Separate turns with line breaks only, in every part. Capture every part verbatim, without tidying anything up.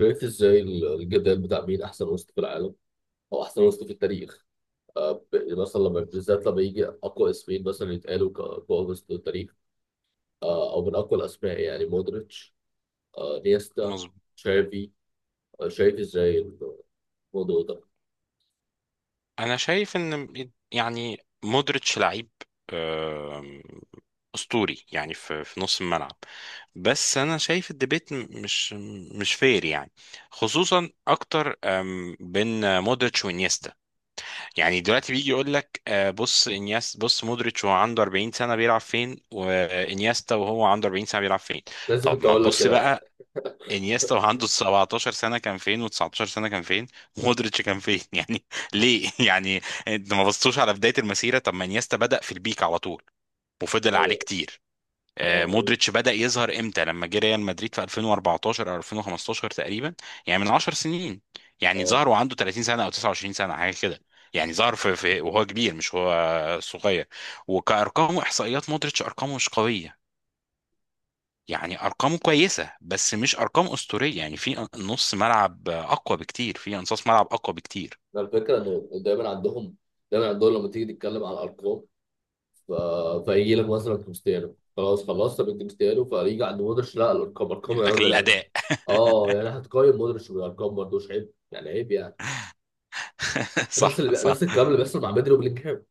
شايف ازاي ال- الجدال بتاع مين احسن وسط في العالم، او احسن وسط في التاريخ. آه، ب- مثلا، لما بالذات لما يجي اقوى اسمين مثلا يتقالوا كاقوى وسط في التاريخ. آه، او من اقوى الاسماء يعني مودريتش، آه، نيستا،
مظبوط.
تشافي. آه، شايف ازاي الموضوع ده.
انا شايف ان يعني مودريتش لعيب، آم، اسطوري يعني في في نص الملعب. بس انا شايف الديبيت م- مش مش فير يعني، خصوصا اكتر آم، بين مودريتش وانيستا. يعني دلوقتي بيجي يقول لك، آه، بص انياس، بص مودريتش وهو عنده 40 سنه بيلعب فين، وانيستا وهو عنده 40 سنه بيلعب فين؟
لازم
طب
كنت
ما
اقول لك
تبص
كده يعني.
بقى انيستا وعنده سبعتاشر سنة كان فين، و19 سنة كان فين، مودريتش كان فين؟ يعني ليه يعني؟ انت ما بصتوش على بداية المسيرة؟ طب ما انيستا بدأ في البيك على طول وفضل عليه
ايوه،
كتير. آه،
اه،
مودريتش بدأ يظهر امتى؟ لما جه ريال مدريد في ألفين واربعتاشر او ألفين وخمستاشر تقريبا، يعني من 10 سنين. يعني
اه.
ظهر وعنده 30 سنة او تسعة وعشرين سنة حاجة كده. يعني ظهر في, في وهو كبير مش هو صغير. وكأرقام واحصائيات، مودريتش ارقامه مش قوية. يعني ارقامه كويسه بس مش ارقام اسطوريه، يعني في نص ملعب اقوى بكتير، في انصاص ملعب اقوى بكتير
ده الفكره انه دايما عندهم، دايما عندهم لما تيجي تتكلم على الارقام. ف... فيجي لك مثلا كريستيانو، خلاص خلصت من كريستيانو، فيجي عند مودريتش: لا الارقام ارقام يا
لكن
راجل.
الاداء.
اه، يعني هتقيم مودريتش بالارقام برضه؟ مش عيب يعني، عيب يعني. نفس
صح،
اللي بي... نفس
صح.
الكلام اللي بيحصل مع بدري وبلينجهام.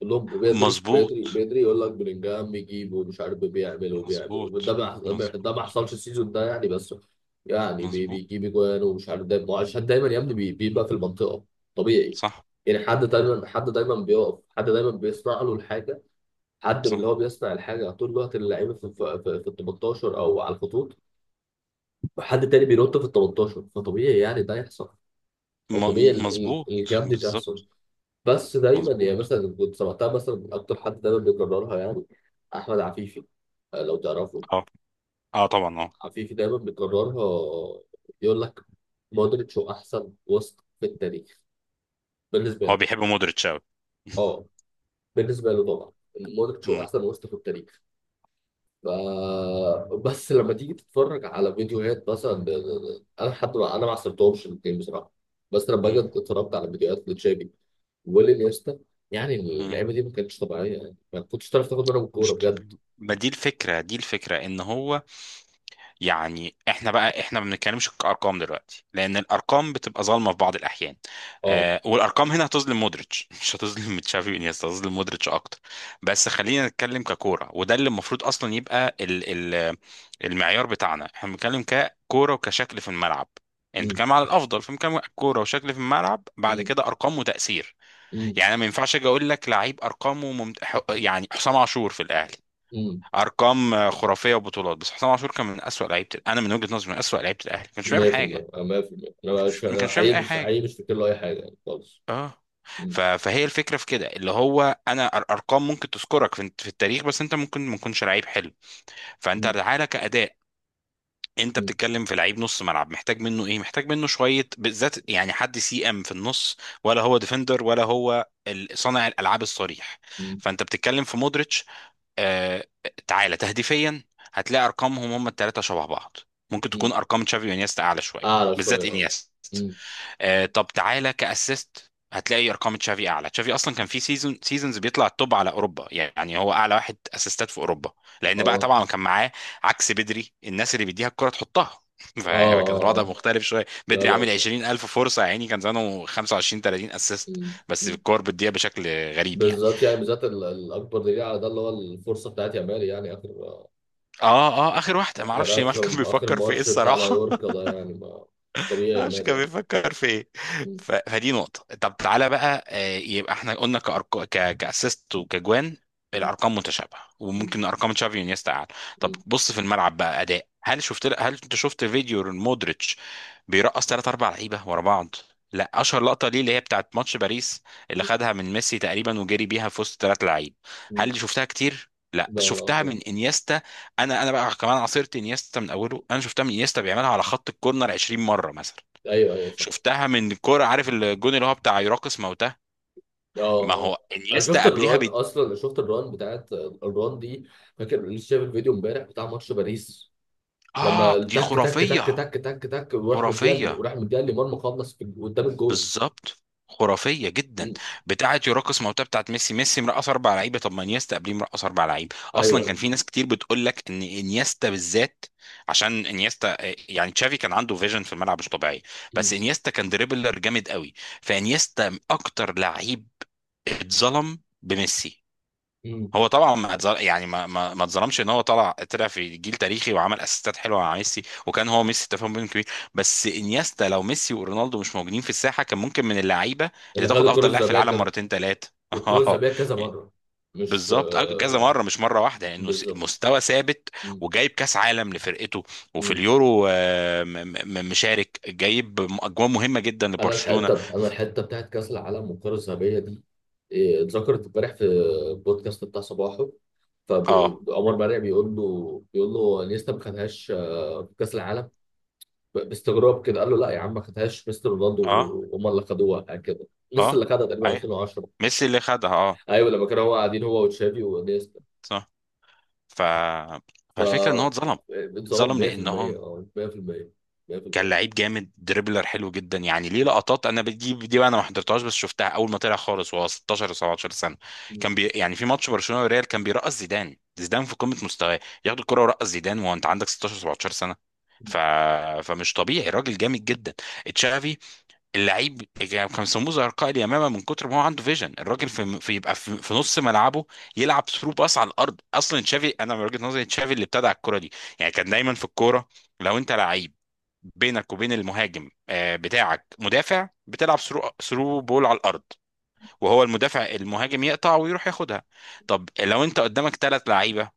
كلهم لهم بدري، بدري،
مظبوط،
بدري، يقول لك بلينجهام بيجيب ومش عارف بيعمل وبيعمل، وده
مظبوط،
ما ده ما
مظبوط،
حصلش السيزون ده يعني. بس يعني بي...
مظبوط.
بيجيب اجوان ومش عارف، دايما
م-
عشان دايما يا ابني بي... بيبقى
م-
في المنطقه. طبيعي
صح،
يعني. حد دايما، حد دايما بيقف، حد دايما بيصنع له الحاجه، حد من اللي هو
صح.
بيصنع الحاجه طول الوقت. اللعيبه في في, في... في ال تمنتاشر او على الخطوط، وحد تاني بينط في ال ثمانية عشر. فطبيعي يعني ده يحصل. هو طبيعي
م-
ال- ال-
مظبوط.
الجام دي تحصل.
بالظبط.
بس دايما
مظبوط.
يعني مثلا، كنت سمعتها مثلا من اكتر حد دايما بيكررها يعني، احمد عفيفي. آه، لو تعرفه.
اه، اه طبعا، اه.
عفيفي دايما بيكررها، يقول لك مودريتش هو احسن وسط في التاريخ بالنسبه
هو
له.
بيحب مودريتش قوي.
اه، بالنسبه له طبعا مودريتش هو
مم.
احسن وسط في التاريخ. ف- بس لما تيجي تتفرج على فيديوهات مثلا، ب- ب- انا لحد ما انا ما عصرتهمش الاثنين بصراحه. بس لما باجي
مم.
اتفرجت على فيديوهات لتشافي والانيستا، يعني
مم.
اللعيبه دي ما كانتش طبيعيه يعني، ما كنتش تعرف تاخد منهم الكوره
مش
بجد.
طبيعي. ما دي الفكرة، دي الفكرة ان هو، يعني احنا بقى، احنا ما بنتكلمش كارقام دلوقتي، لان الارقام بتبقى ظالمه في بعض الاحيان.
اه.
آه، والارقام هنا هتظلم مودريتش مش هتظلم تشافي وانيستا، هتظلم مودريتش اكتر. بس خلينا نتكلم ككوره، وده اللي المفروض اصلا يبقى ال ال المعيار بتاعنا، احنا بنتكلم ككوره وكشكل في الملعب. يعني انت
امم
بتتكلم على الافضل، فبنتكلم كوره وشكل في الملعب، بعد
امم
كده ارقام وتاثير.
امم
يعني انا ما ينفعش اجي اقول لك لعيب ارقامه ممت... ح- يعني حسام عاشور في الاهلي،
امم
ارقام خرافيه وبطولات، بس حسام عاشور كان من اسوأ لعيبه، انا من وجهه نظري من اسوأ لعيبه الاهلي، ما كانش بيعمل
ميه في الميه.
حاجه.
أنا ميه في الميه،
ما
انا
كانش
مش،
ما
انا
كانش بيعمل
حقيقي،
اي
مش حقيقي
حاجه.
مش فاكر له اي حاجه يعني خالص.
اه.
امم
ف... فهي الفكره في كده، اللي هو انا أر- ارقام ممكن تذكرك في... في التاريخ، بس انت ممكن ما تكونش لعيب حلو. فانت
امم
تعالى كاداء. انت
امم
بتتكلم في لعيب نص ملعب، محتاج منه ايه؟ محتاج منه شويه بالذات. يعني حد سي ام في النص، ولا هو ديفندر، ولا هو ال- صانع الالعاب الصريح.
امم
فانت بتتكلم في مودريتش، آه، تعالى تهديفيا هتلاقي ارقامهم هم الثلاثه شبه بعض، ممكن تكون
أمم.
ارقام تشافي وانيستا اعلى شويه،
اعلى شويه،
بالذات
اه.
انيستا.
امم.
آه، طب تعالى كاسيست هتلاقي ارقام تشافي اعلى. تشافي اصلا كان في سيزون سيزونز بيطلع التوب على اوروبا، يعني هو اعلى واحد اسيستات في اوروبا، لان بقى
اه،
طبعا كان معاه عكس بدري الناس اللي بيديها الكره تحطها.
اه،
فكان
اه،
الوضع
اه،
مختلف شويه.
لا
بدري
لا
عامل
أكتر.
20000 فرصه يا عيني، كان زمانه خمسه وعشرين تلاتين اسيست، بس
أمم.
الكور بتضيع بشكل غريب يعني.
بالذات يعني، بالذات ال- الاكبر دليل على ده اللي هو الفرصه بتاعت يامال يعني. اخر،
اه، اه، اخر واحده ما
اخر
اعرفش
اخر
مالكم
اخر
بيفكر في ايه
ماتش بتاع
الصراحه.
مايوركا ده يعني، ما مش طبيعي
معرفش
يامال
كان
يعني.
بيفكر في ايه.
م-
ف... فدي نقطة. طب تعالى بقى، آه، يبقى احنا قلنا كأرق... ك... كأسيست وكجوان،
م-
الأرقام متشابهة
م-
وممكن أرقام تشافي ونيستا أعلى. طب
م-
بص في الملعب بقى أداء. هل شفت هل أنت شفت فيديو مودريتش بيرقص ثلاث أربع لعيبة ورا بعض؟ لا، أشهر لقطة ليه اللي هي بتاعت ماتش باريس، اللي خدها من ميسي تقريبا وجري بيها في وسط ثلاث لعيب.
م.
هل دي شفتها كتير؟ لا،
لا
بس
لا
شفتها
طبعا.
من انيستا. انا انا بقى كمان عصرت انيستا من اوله، انا شفتها من انيستا بيعملها على خط الكورنر 20 مره مثلا.
ايوه ايوه صح.
شفتها من كوره، عارف الجون اللي هو بتاع يراقص موتاه.
اه
ما
اه
هو
آه. انا شفت
انيستا قبليها
الران،
بد...
اصلا شفت الران بتاعت الران دي. فاكر لسه شايف الفيديو امبارح بتاع ماتش باريس،
اه
لما
دي
تك تك تك
خرافيه.
تك تك تك، وراح مديها
خرافيه.
وراح مديها لمرمى، خلص في- قدام الجول.
بالظبط. خرافيه جدا.
م.
بتاعه يراقص موتاه بتاعت ميسي، ميسي مرقص اربع لعيبه، طب ما انيستا قبليه مرقص اربع لعيبه.
ايوه
اصلا كان
ايوه.
في ناس كتير بتقول لك ان انيستا بالذات، عشان انيستا آه، يعني تشافي كان عنده فيجن في الملعب مش طبيعي، بس
م-
انيستا كان دريبلر جامد قوي. فانيستا اكتر لعيب اتظلم بميسي.
م.
هو طبعا ما اتظل- يعني ما ما ما اتظلمش، ان هو طلع، طلع في جيل تاريخي وعمل اسيستات حلوه مع ميسي، وكان هو ميسي تفاهم بينهم كبير. بس انيستا لو ميسي ورونالدو مش موجودين في الساحه، كان ممكن من اللعيبه اللي
اللي خد
تاخد
الكره
افضل لاعب في
الذهبيه
العالم
كذا،
مرتين ثلاثه.
وكروز
اه،
بيها كذا مره، مش
بالظبط. أ- كذا
آه،
مره مش مره واحده، لانه س-
بالظبط.
مستوى ثابت،
مم.
وجايب كاس عالم لفرقته، وفي
مم.
اليورو آه، م- م- مشارك جايب م- اجوان مهمه جدا
انا
لبرشلونه.
الحته، انا الحته بتاعت كاس العالم والكره الذهبيه دي، إيه، اتذكرت امبارح في البودكاست بتاع صباحه،
اه،
فعمر مرعي بيقول له بيقول له انيستا ما خدهاش آه، في كاس العالم. ب- باستغراب كده قال له لا يا عم ما خدهاش مستر رونالدو،
اه،
وهم اللي خدوها، يعني كده لسه
اه،
اللي خدها تقريبا
اي.
ألفين وعشرة.
ميسي اللي خدها اه.
ايوه، لما كانوا هو قاعدين هو وتشافي وانيستا.
ف...
ف
فالفكره ان هو
آه،
اتظلم.
اتظلم
اتظلم لان هو
ميه في الميه، اه ميه في الميه.
كان
مية في المية.
لعيب جامد، دريبلر حلو جدا. يعني ليه لقطات انا بدي دي بقى، انا ما حضرتهاش بس شفتها اول ما طلع خالص وهو ستاشر و17 سنه. كان بي... يعني في ماتش برشلونه وريال كان بيرقص زيدان، زيدان في قمه مستواه ياخد الكره ويرقص زيدان وانت عندك ستاشر و17 سنه. ف... فمش طبيعي، راجل جامد جدا. تشافي اللعيب يعني كان بيسموه زي رقائق اليمامه من كتر ما هو عنده فيجن، الراجل في, في يبقى في, في نص ملعبه، يلعب ثرو باس على الارض. اصلا تشافي، انا من وجهه نظري تشافي اللي ابتدع الكره دي. يعني كان دايما في الكوره. لو انت لعيب بينك وبين المهاجم آه، بتاعك مدافع، بتلعب ثرو ثرو بول على الارض، وهو المدافع المهاجم يقطع ويروح ياخدها. طب لو انت قدامك ثلاث لعيبه،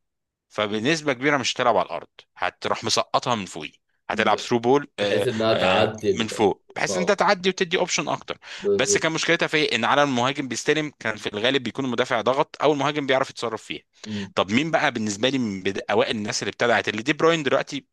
فبنسبه كبيره مش هتلعب على الارض، هتروح مسقطها من فوقيه، هتلعب
ب-
ثرو بول
بحيث
آه،
انها
آه،
تعدي
من
ال،
فوق، بحيث ان انت
اه
تعدي وتدي اوبشن اكتر. بس كان
بالظبط.
مشكلتها في إيه؟ ان على المهاجم بيستلم، كان في الغالب بيكون المدافع ضغط، او المهاجم بيعرف يتصرف فيها.
مم.
طب مين بقى بالنسبه لي من بد- اوائل الناس اللي ابتدعت اللي دي؟ بروين دلوقتي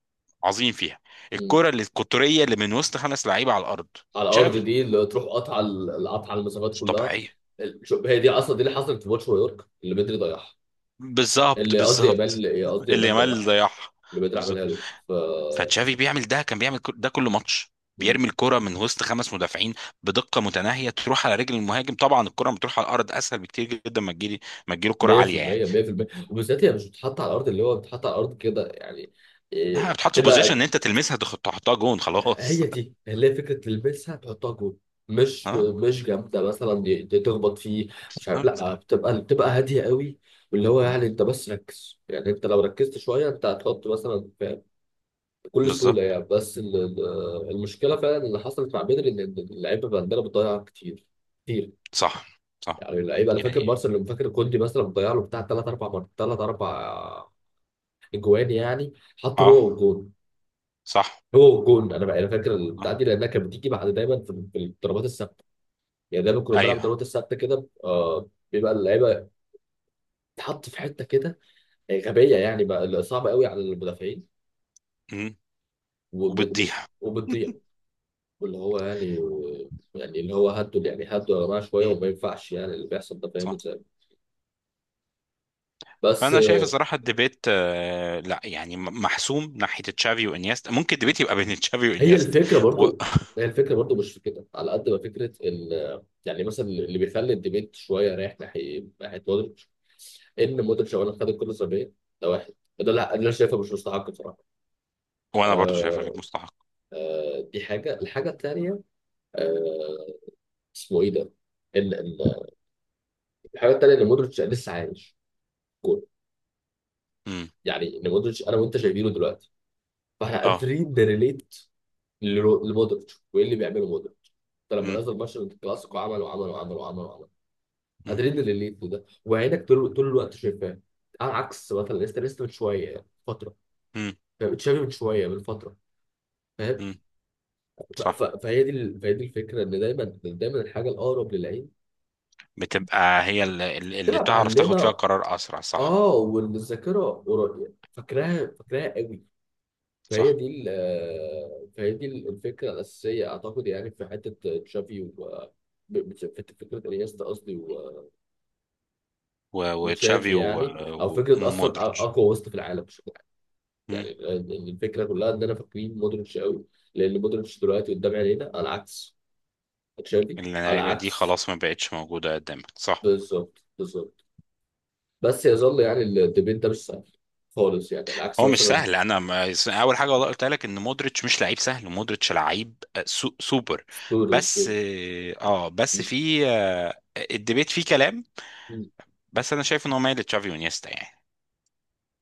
عظيم فيها،
مم.
الكره اللي القطريه اللي من وسط خمس لعيبه على الارض.
على الارض.
تشافي،
دي اللي تروح قطع ال- قطع المسافات
مش
كلها.
طبيعيه.
ال- شو- هي دي اصلا دي اللي حصلت في ماتش نيويورك اللي بدري ضيعها،
بالظبط،
اللي قصدي
بالظبط.
يامال إيه، قصدي
اللي
يامال
يامال
ضيعها،
ضيعها.
اللي بدري عملها
بالظبط.
له. ف
فتشافي بيعمل ده، كان بيعمل كل- ده كل ماتش،
مم.
بيرمي الكرة من وسط خمس مدافعين بدقة متناهية تروح على رجل المهاجم. طبعا الكرة بتروح على الأرض أسهل بكتير جدا، ما تجيلي، ما تجيله الكرة عالية يعني.
مية في المية، مية في المية. وبالذات هي مش بتتحط على الارض، اللي هو بتتحط على الارض كده يعني، إيه،
آه، بتحط في بوزيشن، إن
بتبقى
أنت تلمسها تخ- تحطها جون خلاص.
هي دي اللي هي فكره الميكس. هتحطها جوه، مش
اه،
مش جامده مثلا، دي- دي تخبط فيه، مش عارف.
بالظبط،
لا، بتبقى بتبقى هاديه قوي. واللي هو يعني انت بس ركز يعني، انت لو ركزت شويه انت هتحط مثلا ف- بكل سهوله
بالظبط.
يعني. بس ال- ال- المشكله فعلا اللي حصلت مع بدري ان إن اللعيبه عندنا بتضيع كتير. كتير
صح، صح،
يعني. اللعيبه، انا فاكر
يعني
مارسيل، اللي فاكر كوندي مثلا بتضيع له بتاع ثلاث اربع مرات، ثلاث اربع اجوان يعني. حطه هو
اه
والجون.
صح.
هو جون. انا بقى انا فاكر البتاع
آه.
دي لانها كانت بتيجي بعد دايما في في الضربات الثابته. يعني دايما كنا بنلعب
ايوه.
ضربات الثابته كده، آه بيبقى اللعيبه تحط في حته كده آه، غبيه يعني، بقى صعبه قوي على المدافعين.
مم.
وب-
وبتضيع.
وبتضيع. واللي هو يعني، يعني اللي هو هدوا يعني، هدوا يا جماعه شويه،
مم.
وما ينفعش يعني اللي بيحصل ده، فاهم
صح.
ازاي. بس
فانا شايف
آه،
الصراحه الديبيت آه لا يعني م- محسوم ناحيه تشافي وانيستا، ممكن الديبيت يبقى بين تشافي
هي
وانيستا.
الفكره
و...
برضو. هي الفكره برضو مش في كده على قد ما فكره ال، يعني مثلا اللي بيخلي الديبيت شويه رايح ناحيه ناحيه مودريتش، ان مودريتش اولا خد الكره الذهبيه، ده واحد. ده اللي أنا شايفه مش مستحق بصراحه.
وانا برضو شايفها غير
آه.
مستحق.
آه، دي حاجه. الحاجه الثانيه، اسمه ايه ده، ان ان الحاجه الثانيه ان مودريتش لسه عايش. جول.
امم،
يعني ان مودريتش انا وانت شايفينه دلوقتي، فاحنا
اه،
قادرين نريليت لرو- لمودريتش وايه اللي بيعمله مودريتش. ده لما
امم،
نزل ماتش الكلاسيكو عمل وعمل وعمل وعمل وعمل.
امم،
قادرين نريليت لده، وعينك طول طول الوقت شايفاه. على عكس مثلا، لسه لسه من شويه يعني، فتره.
امم،
فاهم؟ تشافي من شويه، من فتره. فاهم؟
امم.
ف- ف-
صح،
فهي دي ال- فهي دي الفكره، ان دايما، دايما الحاجه الاقرب للعين
بتبقى هي اللي, اللي
تبقى
تعرف تاخد فيها
معلمه.
قرار اسرع. صح،
اه، والذاكره قرا- فاكراها، فاكراها قوي. فهي
صح.
دي ال- آه، فهي دي ال- الفكره الاساسيه اعتقد، يعني في حته تشافي و، ب- بت- في فكره انيستا قصدي، و-
و-
وتشافي
وتشافي و-
يعني، او
و-
فكره اصلا أ-
ومودريتش.
اقوى وسط في العالم بشكل عام. يعني
امم.
ال- ال- الفكره كلها ان انا فاكرين مودريتش قوي لان مودريتش دلوقتي قدام عينينا، على عكس تشافي، على
اللعيبه دي
عكس.
خلاص ما بقتش موجوده قدامك. صح.
بالظبط، بالظبط. بس يظل يعني الديبيت ده مش سهل خالص يعني، العكس
هو مش
مثلا.
سهل، انا ما اول حاجه والله قلت لك ان مودريتش مش لعيب سهل، مودريتش لعيب، آه، سو سوبر،
ستوري
بس.
ستوري.
اه بس في آه، الديبيت فيه كلام، بس انا شايف ان هو مايل لتشافي ونيستا يعني.